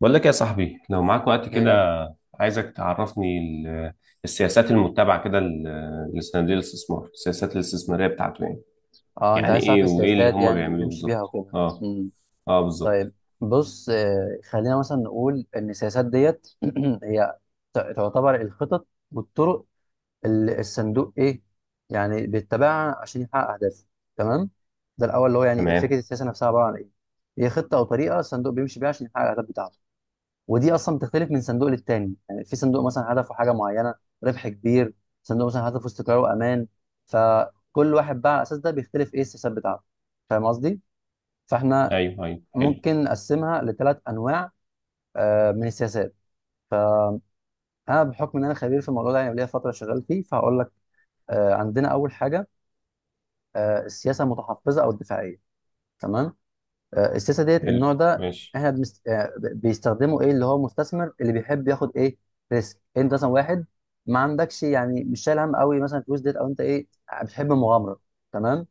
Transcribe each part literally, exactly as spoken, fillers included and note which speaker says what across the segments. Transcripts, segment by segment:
Speaker 1: بقول لك يا صاحبي لو معاك وقت كده،
Speaker 2: ايه.
Speaker 1: عايزك تعرفني ال- السياسات المتبعة كده ل- لصناديق الاستثمار، السياسات الاستثمارية بتاعته يعني.
Speaker 2: اه، انت
Speaker 1: يعني
Speaker 2: عايز تعرف
Speaker 1: ايه وايه اللي
Speaker 2: السياسات
Speaker 1: هم
Speaker 2: يعني اللي
Speaker 1: بيعملوه
Speaker 2: بيمشي بيها
Speaker 1: بالظبط؟
Speaker 2: وكده.
Speaker 1: اه،
Speaker 2: امم
Speaker 1: اه بالظبط.
Speaker 2: طيب، بص. آه، خلينا مثلا نقول ان السياسات ديت هي ت- تعتبر الخطط والطرق اللي الصندوق ايه يعني بيتبعها عشان يحقق اهدافه. تمام. ده الاول اللي هو يعني
Speaker 1: تمام.
Speaker 2: فكره السياسه نفسها عباره عن ايه. هي خطه او طريقه الصندوق بيمشي بيها عشان يحقق الاهداف بتاعته. ودي اصلا بتختلف من صندوق للتاني. يعني في صندوق مثلا هدفه حاجه معينه، ربح كبير. صندوق مثلا هدفه استقرار وامان. فكل واحد بقى على الاساس ده بيختلف ايه السياسات بتاعته. فاهم قصدي؟ فاحنا
Speaker 1: ايوه ايوه، حلو.
Speaker 2: ممكن نقسمها لثلاث انواع. آه، من السياسات، انا بحكم ان انا خبير في الموضوع ده، يعني ليا فتره شغال فيه، فهقول لك. آه، عندنا اول حاجه، آه، السياسه المتحفظه او الدفاعيه. تمام. آه، السياسه ديت،
Speaker 1: حلو
Speaker 2: النوع ده،
Speaker 1: ماشي.
Speaker 2: احنا بنست... آه، بيستخدمه ايه اللي هو مستثمر اللي بيحب ياخد ايه، ريسك. انت مثلا واحد ما عندكش، يعني مش شايل هم قوي مثلا الفلوس ديت، او انت ايه، بتحب المغامره. تمام.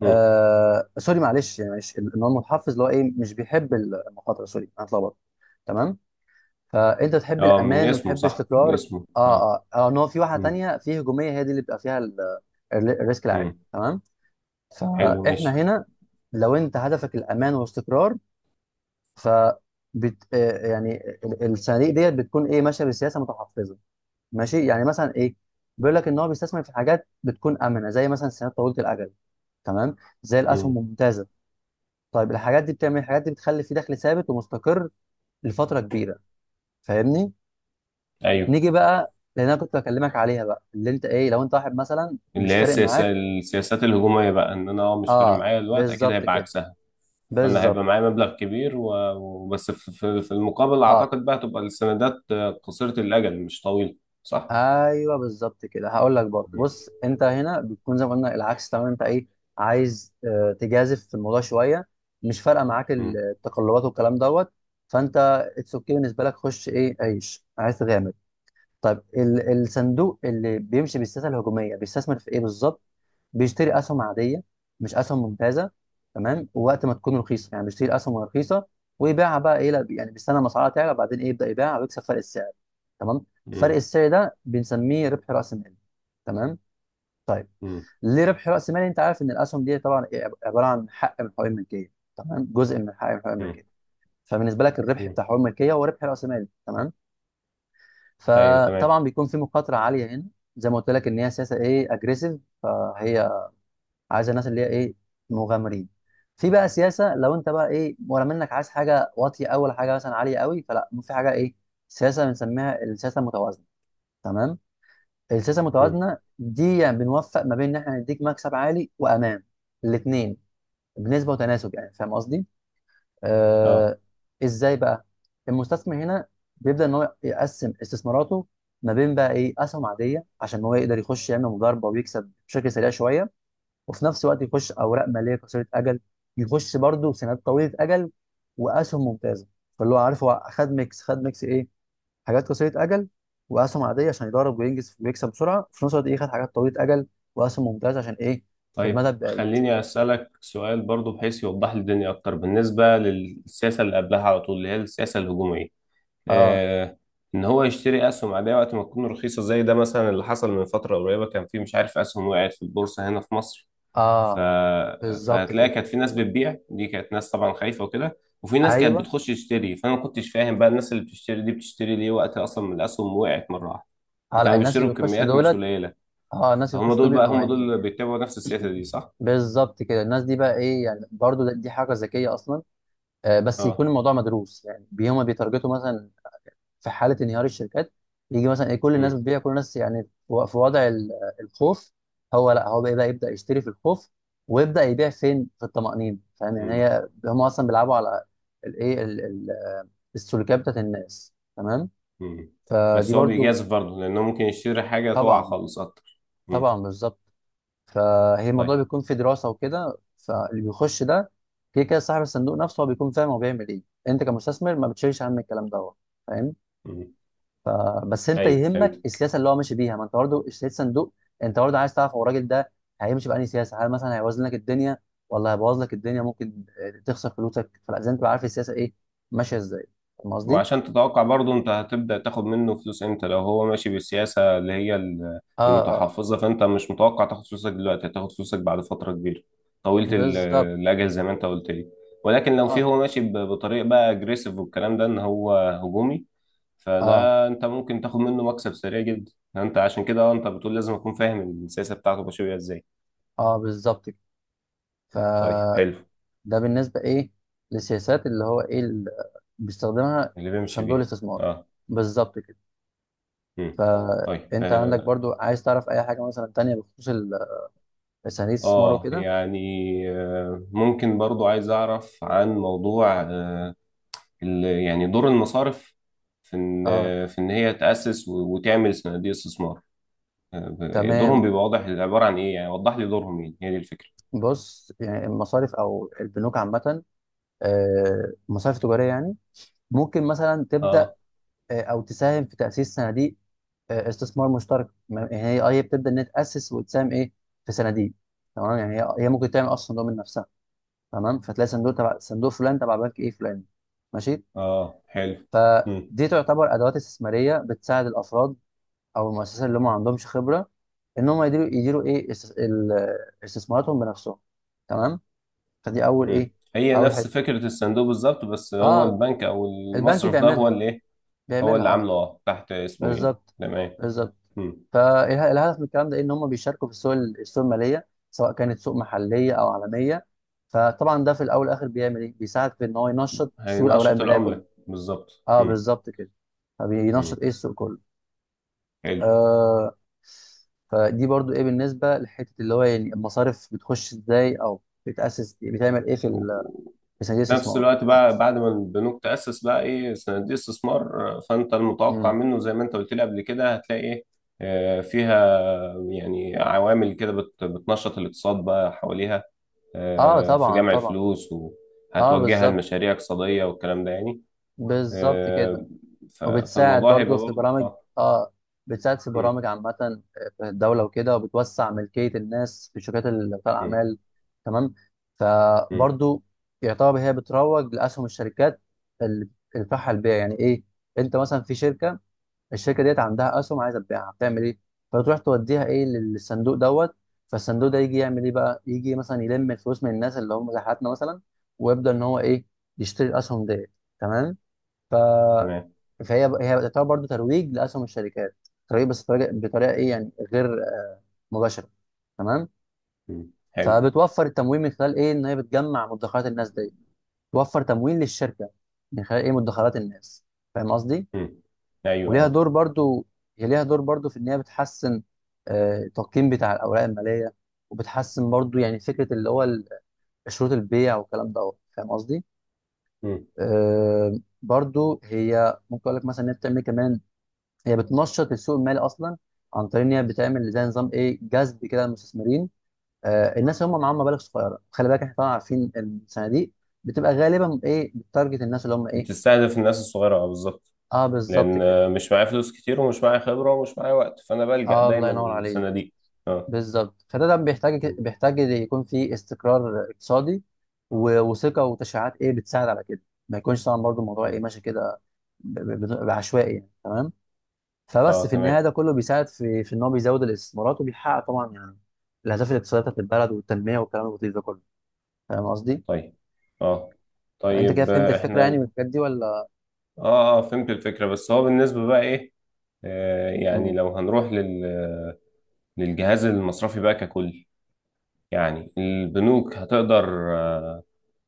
Speaker 1: مم.
Speaker 2: آه سوري، معلش، يعني معلش. ان هو المتحفظ اللي هو ايه، مش بيحب المخاطره. سوري، انا اتلخبطت. تمام. فانت تحب
Speaker 1: اه، من
Speaker 2: الامان
Speaker 1: اسمه
Speaker 2: وتحب
Speaker 1: صح، من
Speaker 2: استقرار.
Speaker 1: اسمه اه.
Speaker 2: اه اه اه. ان هو في واحده
Speaker 1: مم.
Speaker 2: تانيه، في هجوميه، هي دي اللي بيبقى فيها ال- الريسك العالي.
Speaker 1: مم.
Speaker 2: تمام.
Speaker 1: حلو
Speaker 2: فاحنا
Speaker 1: ماشي.
Speaker 2: هنا لو انت هدفك الامان والاستقرار، ف بت... آه، يعني ال- الصناديق ديت بتكون ايه، ماشيه بسياسه متحفظه. ماشي. يعني مثلا ايه، بيقول لك ان هو بيستثمر في حاجات بتكون امنه، زي مثلا السندات طويله الاجل، تمام، زي
Speaker 1: مم.
Speaker 2: الاسهم الممتازه. طيب الحاجات دي بتعمل إيه؟ الحاجات دي بتخلي في دخل ثابت ومستقر لفتره كبيره. فاهمني؟
Speaker 1: ايوه،
Speaker 2: نيجي بقى، لان انا كنت بكلمك عليها بقى، اللي انت ايه، لو انت واحد مثلا
Speaker 1: اللي
Speaker 2: مش
Speaker 1: هي
Speaker 2: فارق
Speaker 1: السياسة
Speaker 2: معاك.
Speaker 1: السياسات الهجومية بقى، ان انا اه مش فارق
Speaker 2: اه
Speaker 1: معايا الوقت، اكيد
Speaker 2: بالظبط
Speaker 1: هيبقى
Speaker 2: كده،
Speaker 1: عكسها. فانا
Speaker 2: بالظبط.
Speaker 1: هيبقى معايا مبلغ كبير و- وبس، في في- في المقابل
Speaker 2: اه
Speaker 1: اعتقد بقى تبقى السندات آه، قصيرة الاجل، مش طويلة، صح؟
Speaker 2: ايوه بالظبط كده. هقول لك برضه،
Speaker 1: مم.
Speaker 2: بص، انت هنا بتكون زي ما قلنا العكس تماما. انت ايه، عايز آه، تجازف في الموضوع شويه، مش فارقه معاك ال-
Speaker 1: مم.
Speaker 2: التقلبات والكلام دوت، فانت اتس اوكي بالنسبه لك. خش ايه، عيش، عايز تغامر. طيب ال- الصندوق اللي بيمشي بالسياسه الهجوميه بيستثمر في ايه بالظبط؟ بيشتري اسهم عاديه، مش اسهم ممتازه. تمام. ووقت ما تكون رخيصه، يعني بيشتري اسهم رخيصه، ويبيعها بقى ايه، لا، يعني بيستنى ما اسعارها تعلى، وبعدين ايه، يبدا يبيعها ويكسب فرق السعر. تمام. فرق
Speaker 1: مم.
Speaker 2: السعر ده بنسميه ربح راس مال. تمام. طيب
Speaker 1: مم.
Speaker 2: ليه ربح راس مال؟ انت عارف ان الاسهم دي طبعا إيه؟ عباره عن حق من حقوق الملكيه. تمام، جزء من حق من حقوق
Speaker 1: مم.
Speaker 2: الملكيه. فبالنسبه لك، الربح
Speaker 1: مم.
Speaker 2: بتاع حقوق الملكيه هو ربح راس مال. تمام.
Speaker 1: ايوه تمام.
Speaker 2: فطبعا بيكون في مخاطره عاليه هنا، زي ما قلت لك، ان هي سياسه ايه، اجريسيف، فهي عايزه الناس اللي هي ايه، مغامرين. في بقى سياسه، لو انت بقى ايه، ولا منك، عايز حاجه واطيه أوي ولا حاجه مثلا عاليه قوي، فلا، في حاجه ايه، سياسه بنسميها السياسه المتوازنه. تمام. السياسه
Speaker 1: مم.
Speaker 2: المتوازنه دي يعني بنوفق ما بين ان احنا نديك مكسب عالي وامان، الاثنين، بنسبه وتناسب. يعني فاهم قصدي؟
Speaker 1: اه.
Speaker 2: آه ازاي بقى؟ المستثمر هنا بيبدأ ان هو يقسم استثماراته ما بين بقى ايه، اسهم عاديه، عشان هو يقدر يخش يعمل مضاربه ويكسب بشكل سريع شويه، وفي نفس الوقت يخش اوراق ماليه قصيره اجل، يخش برضه سندات طويله اجل، واسهم ممتازه. فاللي هو عارف، هو خد ميكس، خد ميكس ايه، حاجات قصيره اجل واسهم عاديه عشان يضارب وينجز ويكسب بسرعه، وفي نفس الوقت ايه، خد حاجات طويله اجل واسهم ممتازه عشان ايه،
Speaker 1: طيب
Speaker 2: المدى البعيد.
Speaker 1: خليني اسالك سؤال برضو، بحيث يوضح لي الدنيا اكتر بالنسبه للسياسه اللي قبلها على طول، اللي هي السياسه الهجوميه.
Speaker 2: اه
Speaker 1: آه، ان هو يشتري اسهم عاديه وقت ما تكون رخيصه، زي ده مثلا اللي حصل من فتره قريبه، كان في مش عارف اسهم وقعت في البورصه هنا في مصر. ف...
Speaker 2: اه بالظبط
Speaker 1: فهتلاقي
Speaker 2: كده.
Speaker 1: كانت في ناس بتبيع، دي كانت ناس طبعا خايفه وكده، وفي ناس كانت
Speaker 2: ايوه،
Speaker 1: بتخش تشتري، فانا ما كنتش فاهم بقى الناس اللي بتشتري دي بتشتري ليه وقت اصلا من الاسهم وقعت مره واحده،
Speaker 2: اه، لا،
Speaker 1: وكانوا
Speaker 2: الناس
Speaker 1: بيشتروا
Speaker 2: اللي بيخشوا
Speaker 1: بكميات مش
Speaker 2: دولت،
Speaker 1: قليله.
Speaker 2: اه الناس اللي
Speaker 1: فهم
Speaker 2: بيخشوا دول
Speaker 1: دول بقى،
Speaker 2: بيبقوا
Speaker 1: هم دول اللي
Speaker 2: يعني،
Speaker 1: بيتبعوا نفس السياسه دي صح؟
Speaker 2: بالظبط كده. الناس دي بقى ايه، يعني برضو ده- دي حركه ذكيه اصلا، آه بس
Speaker 1: اه.
Speaker 2: يكون الموضوع مدروس. يعني بي- هما بيتارجتوا مثلا في حاله انهيار الشركات. يجي مثلا ايه، كل الناس
Speaker 1: امم.
Speaker 2: بتبيع، كل الناس يعني في و- في وضع ال- الخوف، هو لا، هو بقى بقى يبدا يشتري في الخوف، ويبدا يبيع فين، في الطمأنينه. فاهم يعني؟
Speaker 1: امم.
Speaker 2: هي هم اصلا بيلعبوا على الايه، ال- ال- آه، السلوكيات بتاعت الناس. تمام.
Speaker 1: امم.
Speaker 2: فدي
Speaker 1: بس هو
Speaker 2: برضو،
Speaker 1: بيجازف برضه، لانه ممكن يشتري حاجه تقع
Speaker 2: طبعا
Speaker 1: خالص اكتر.
Speaker 2: طبعا،
Speaker 1: امم.
Speaker 2: بالظبط. فهي الموضوع
Speaker 1: طيب.
Speaker 2: بيكون في دراسه وكده. فاللي بيخش ده، كده كده صاحب الصندوق نفسه هو بيكون فاهم هو بيعمل ايه. انت كمستثمر ما بتشيلش هم الكلام دوت. فاهم؟
Speaker 1: امم.
Speaker 2: ف- بس انت
Speaker 1: ايوه
Speaker 2: يهمك
Speaker 1: فهمت.
Speaker 2: السياسه اللي هو ماشي بيها، ما انت برضه اشتريت صندوق. انت برضه عايز تعرف هو الراجل ده هيمشي بأنهي سياسه، هل مثلا هيوازن لك الدنيا، ولا هيبوظ لك الدنيا، ممكن آه، تخسر فلوسك. فلازم تبقى عارف السياسه ايه، ماشيه ازاي. فاهم قصدي؟
Speaker 1: وعشان تتوقع برضه انت هتبدأ تاخد منه فلوس امتى، لو هو ماشي بالسياسة اللي هي ال-
Speaker 2: اه اه
Speaker 1: المتحفظة، فانت مش متوقع تاخد فلوسك دلوقتي، هتاخد فلوسك بعد فترة كبيرة طويلة ال-
Speaker 2: بالظبط.
Speaker 1: الأجل زي ما انت قلت لي. ولكن لو في
Speaker 2: اه
Speaker 1: هو ماشي ب- بطريقة بقى اجريسيف، والكلام ده ان هو هجومي،
Speaker 2: اه
Speaker 1: فده انت ممكن تاخد منه مكسب سريع جدا. انت عشان كده اه، انت بتقول لازم اكون فاهم السياسة بتاعته ماشية بيها ازاي.
Speaker 2: اه بالظبط كده. ف،
Speaker 1: طيب حلو.
Speaker 2: ده بالنسبة إيه، للسياسات اللي هو إيه اللي بيستخدمها
Speaker 1: اللي بيمشي
Speaker 2: صندوق
Speaker 1: بيها.
Speaker 2: الاستثمار.
Speaker 1: اه.
Speaker 2: بالظبط كده.
Speaker 1: مم. طيب.
Speaker 2: فأنت عندك
Speaker 1: آه،
Speaker 2: برضو عايز تعرف أي حاجة مثلا تانية بخصوص ال- صناديق الاستثمار
Speaker 1: اه
Speaker 2: وكده؟
Speaker 1: يعني. آه، ممكن برضو عايز اعرف عن موضوع آه، ال- يعني دور المصارف في ان
Speaker 2: أه
Speaker 1: آه، في ان هي تأسس و- وتعمل صناديق استثمار. آه، دورهم
Speaker 2: تمام.
Speaker 1: بيبقى واضح عبارة عن ايه، يعني وضح لي دورهم ايه، هي دي الفكرة.
Speaker 2: بص، يعني المصارف أو البنوك عامة، آه، مصارف تجارية يعني، ممكن مثلا تبدأ،
Speaker 1: اه
Speaker 2: آه، أو تساهم في تأسيس صناديق، آه، استثمار مشترك، ما- يعني هي أه هي بتبدأ إن هي تأسس وتساهم إيه في صناديق. تمام. يعني هي هي ممكن تعمل أصلا صندوق من نفسها. تمام. فتلاقي صندوق تبع صندوق فلان تبع بنك ايه فلان. ماشي.
Speaker 1: اه حلو. مم.
Speaker 2: فدي تعتبر ادوات استثماريه بتساعد الافراد او المؤسسات اللي هم ما عندهمش خبره ان هم يديروا يديروا ايه، است- ال- استثماراتهم بنفسهم. تمام. فدي اول
Speaker 1: مم.
Speaker 2: ايه،
Speaker 1: هي
Speaker 2: اول
Speaker 1: نفس
Speaker 2: حته،
Speaker 1: فكرة الصندوق بالظبط، بس هو
Speaker 2: اه،
Speaker 1: البنك او
Speaker 2: البنك
Speaker 1: المصرف ده هو
Speaker 2: بيعملها،
Speaker 1: اللي ايه، هو
Speaker 2: بيعملها
Speaker 1: اللي
Speaker 2: اه،
Speaker 1: عامله اه تحت اسمه ايه.
Speaker 2: بالظبط،
Speaker 1: تمام.
Speaker 2: بالظبط.
Speaker 1: مم.
Speaker 2: فالهدف من الكلام ده ان هم بيشاركوا في السوق، السوق الماليه، سواء كانت سوق محليه او عالميه. فطبعا ده في الاول والاخر بيعمل ايه، بيساعد في ان هو ينشط سوق الاوراق
Speaker 1: هينشط
Speaker 2: الماليه كله.
Speaker 1: العملة بالظبط.
Speaker 2: اه
Speaker 1: مم.
Speaker 2: بالظبط كده. فبينشط
Speaker 1: مم.
Speaker 2: ايه السوق كله.
Speaker 1: حلو.
Speaker 2: آه. فدي برضو ايه بالنسبه لحته اللي هو يعني المصارف بتخش ازاي، او بتاسس إيه، بتعمل ايه في
Speaker 1: في
Speaker 2: ال- في صناديق
Speaker 1: نفس
Speaker 2: الاستثمار.
Speaker 1: الوقت بقى بعد ما البنوك تأسس بقى ايه صناديق استثمار، آه، فانت المتوقع
Speaker 2: مم.
Speaker 1: منه زي ما انت قلت لي قبل كده هتلاقي ايه آه، فيها يعني عوامل كده بت- بتنشط الاقتصاد بقى حواليها،
Speaker 2: اه
Speaker 1: آه، في
Speaker 2: طبعا
Speaker 1: جمع
Speaker 2: طبعا،
Speaker 1: الفلوس
Speaker 2: اه
Speaker 1: وهتوجهها
Speaker 2: بالظبط،
Speaker 1: لمشاريع اقتصادية والكلام ده يعني.
Speaker 2: بالظبط كده.
Speaker 1: آه، ف-
Speaker 2: وبتساعد
Speaker 1: فالموضوع
Speaker 2: برضو
Speaker 1: هيبقى
Speaker 2: في
Speaker 1: برضه
Speaker 2: برامج،
Speaker 1: اه.
Speaker 2: اه بتساعد في
Speaker 1: مم.
Speaker 2: برامج عامة، آه، في الدولة وكده، وبتوسع ملكية الناس في شركات ال- بتاع
Speaker 1: مم.
Speaker 2: الأعمال. تمام.
Speaker 1: مم.
Speaker 2: فبرضو يعتبر هي بتروج لأسهم الشركات اللي بتنفعها البيع. يعني إيه؟ أنت مثلا في شركة، الشركة ديت عندها أسهم عايزة تبيعها، بتعمل إيه، فتروح توديها إيه، للصندوق دوت. فالصندوق ده يجي يعمل إيه بقى، يجي مثلا يلم الفلوس من الناس اللي هم زي حالاتنا مثلا، ويبدأ إن هو إيه، يشتري الأسهم ديت. تمام.
Speaker 1: تمام.
Speaker 2: فهي هي تعتبر برضو ترويج لاسهم الشركات، ترويج بس بطريقه، بطريقة ايه يعني، غير مباشره. تمام.
Speaker 1: مم. حلو.
Speaker 2: فبتوفر التمويل من خلال ايه، ان هي بتجمع مدخرات الناس دي، توفر تمويل للشركه من خلال ايه، مدخرات الناس. فاهم قصدي؟
Speaker 1: مم. ايوه
Speaker 2: وليها
Speaker 1: اه.
Speaker 2: دور برضو، هي ليها دور برضو في ان هي بتحسن آه، التقييم بتاع الاوراق الماليه، وبتحسن برضو يعني فكره اللي هو ال- شروط البيع والكلام ده. فاهم قصدي؟
Speaker 1: مم.
Speaker 2: آه، برضو هي ممكن اقول لك مثلا ان هي بتعمل كمان، هي بتنشط السوق المالي اصلا عن طريق ان هي بتعمل زي نظام ايه، جذب كده للمستثمرين. آه، الناس اللي هم معاهم مبالغ صغيره، خلي بالك احنا طبعا عارفين الصناديق بتبقى غالبا ايه، بتارجت الناس اللي هم ايه.
Speaker 1: بتستهدف الناس الصغيرة اه بالظبط.
Speaker 2: اه بالظبط
Speaker 1: لان
Speaker 2: كده.
Speaker 1: آه، مش معايا فلوس كتير ومش معايا خبره ومش معايا وقت، فانا بلجأ
Speaker 2: اه الله
Speaker 1: دايما
Speaker 2: ينور عليك.
Speaker 1: للصناديق. اه.
Speaker 2: بالظبط. فده، ده بيحتاج
Speaker 1: م-
Speaker 2: بيحتاج يكون في استقرار اقتصادي و- وثقه وتشريعات ايه، بتساعد على كده. ما يكونش طبعا برضو الموضوع ايه،
Speaker 1: م.
Speaker 2: ماشي كده ب- ب- ب- بعشوائي يعني. تمام. فبس
Speaker 1: اه
Speaker 2: في
Speaker 1: تمام.
Speaker 2: النهايه ده كله بيساعد في في ان هو بيزود الاستثمارات، وبيحقق طبعا يعني الاهداف الاقتصاديه بتاعت البلد والتنميه والكلام اللطيف ده كله. فاهم قصدي؟
Speaker 1: طيب. اه.
Speaker 2: فانت كده
Speaker 1: طيب
Speaker 2: فهمت
Speaker 1: آه،
Speaker 2: الفكره يعني
Speaker 1: احنا.
Speaker 2: من الحاجات دي ولا؟
Speaker 1: اه اه فهمت الفكره، بس هو بالنسبه بقى ايه، آه يعني
Speaker 2: مم.
Speaker 1: لو هنروح لل للجهاز المصرفي بقى ككل، يعني البنوك هتقدر آه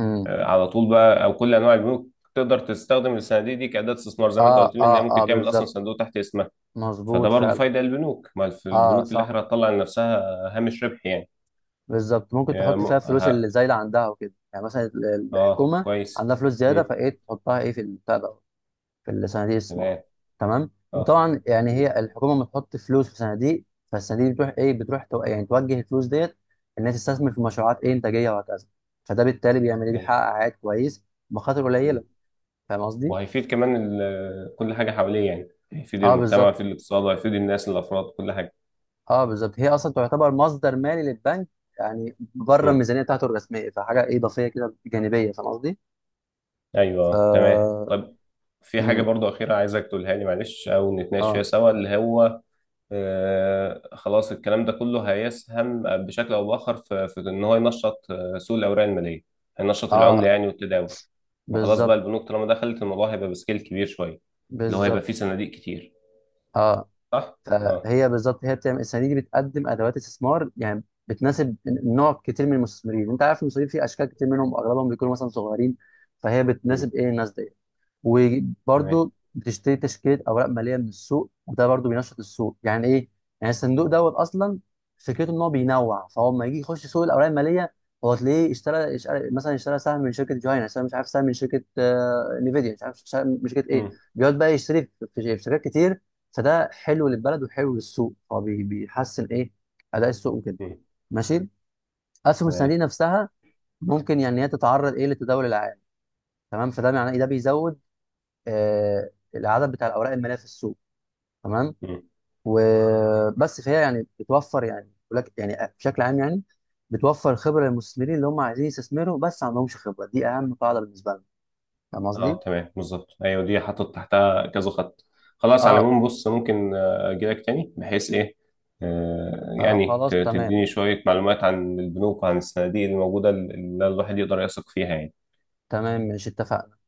Speaker 2: مم.
Speaker 1: آه، على طول بقى، او كل انواع البنوك تقدر تستخدم الصناديق دي كأداة استثمار، زي ما انت
Speaker 2: اه
Speaker 1: قلت لي ان هي
Speaker 2: اه اه
Speaker 1: ممكن تعمل اصلا
Speaker 2: بالظبط،
Speaker 1: صندوق تحت اسمها. فده
Speaker 2: مظبوط
Speaker 1: برضه
Speaker 2: فعلا.
Speaker 1: فايدة للبنوك، ما في
Speaker 2: اه
Speaker 1: البنوك في الآخر
Speaker 2: صح،
Speaker 1: هتطلع لنفسها هامش ربح يعني.
Speaker 2: بالظبط. ممكن
Speaker 1: يا
Speaker 2: تحط
Speaker 1: م...
Speaker 2: فيها الفلوس
Speaker 1: ه...
Speaker 2: اللي زايده عندها وكده، يعني مثلا ال-
Speaker 1: اه
Speaker 2: الحكومه
Speaker 1: كويس.
Speaker 2: عندها فلوس زياده،
Speaker 1: مم.
Speaker 2: فايه، تحطها ايه، في البتاع ده، في الصناديق الاستثمار.
Speaker 1: تمام.
Speaker 2: تمام.
Speaker 1: اه.
Speaker 2: وطبعا يعني
Speaker 1: مم.
Speaker 2: هي الحكومه لما تحط فلوس في صناديق، فالصناديق بتروح ايه، بتروح تو... يعني توجه الفلوس ديت انها تستثمر في مشروعات ايه، انتاجيه وهكذا. فده بالتالي بيعمل ايه،
Speaker 1: أي.
Speaker 2: بيحقق عائد كويس بمخاطر
Speaker 1: مم.
Speaker 2: قليله. فاهم قصدي؟
Speaker 1: وهيفيد كمان ال... كل حاجة حواليه، يعني هيفيد
Speaker 2: اه
Speaker 1: المجتمع،
Speaker 2: بالظبط.
Speaker 1: هيفيد الاقتصاد، وهيفيد الناس الأفراد، كل حاجة.
Speaker 2: اه بالظبط. هي اصلا تعتبر مصدر مالي للبنك، يعني بره
Speaker 1: مم.
Speaker 2: الميزانيه بتاعته الرسميه، فحاجه ايه، اضافيه كده، جانبيه. فاهم قصدي؟
Speaker 1: أيوه
Speaker 2: ف،
Speaker 1: آه، تمام. طب في حاجة
Speaker 2: امم
Speaker 1: برضه أخيرة عايزك تقولها لي معلش، أو نتناقش فيها
Speaker 2: اه
Speaker 1: سوا، اللي هو آه، خلاص الكلام ده كله هيسهم بشكل او باخر في, في ان هو ينشط آه، سوق الاوراق الماليه، هينشط العمله
Speaker 2: اه
Speaker 1: يعني والتداول. ما خلاص بقى،
Speaker 2: بالظبط،
Speaker 1: البنوك طالما دخلت الموضوع هيبقى بسكيل كبير شويه، اللي هو هيبقى فيه
Speaker 2: بالظبط.
Speaker 1: صناديق كتير،
Speaker 2: اه.
Speaker 1: صح؟ اه.
Speaker 2: فهي بالظبط، هي بتعمل الصناديق دي، بتقدم ادوات استثمار يعني بتناسب نوع كتير من المستثمرين. انت عارف المستثمرين في اشكال كتير منهم، اغلبهم بيكونوا مثلا صغيرين. فهي
Speaker 1: مم.
Speaker 2: بتناسب ايه الناس دي.
Speaker 1: تمام.
Speaker 2: وبرضه بتشتري تشكيله اوراق ماليه من السوق، وده برضه بينشط السوق. يعني ايه، يعني الصندوق دوت اصلا فكرته ان هو بينوع، فهو لما يجي يخش سوق الاوراق الماليه، هو تلاقيه اشترى اشترى- مثلا اشترى سهم من شركه جهينه، اشترى مش عارف سهم من شركه آه، نفيديا، مش عارف سهم من شركه ايه،
Speaker 1: مم.
Speaker 2: بيقعد بقى يشتري في في شركات كتير. فده حلو للبلد وحلو للسوق، هو بي- بيحسن ايه، اداء السوق وكده.
Speaker 1: مم.
Speaker 2: ماشي. اسهم
Speaker 1: تمام.
Speaker 2: الصناديق نفسها ممكن يعني هي تتعرض ايه، للتداول العام. تمام. فده معناه إيه؟ ده بيزود آه، العدد بتاع الاوراق الماليه في السوق. تمام.
Speaker 1: مم.
Speaker 2: وبس. فهي يعني بتوفر، يعني ولك يعني بشكل عام يعني، بتوفر خبره للمستثمرين اللي هم عايزين يستثمروا بس ما عندهمش خبره. دي اهم قاعده بالنسبه لنا. فاهم قصدي؟
Speaker 1: اه تمام بالظبط. ايوه دي حاطط تحتها كذا خط. خلاص، على
Speaker 2: اه.
Speaker 1: العموم بص، ممكن آه، اجي لك تاني بحيث ايه آه،
Speaker 2: آه،
Speaker 1: يعني ت-
Speaker 2: خلاص تمام.
Speaker 1: تديني شويه معلومات عن البنوك وعن الصناديق اللي موجوده، اللي الواحد يقدر يثق فيها يعني.
Speaker 2: تمام، ماشي، اتفقنا.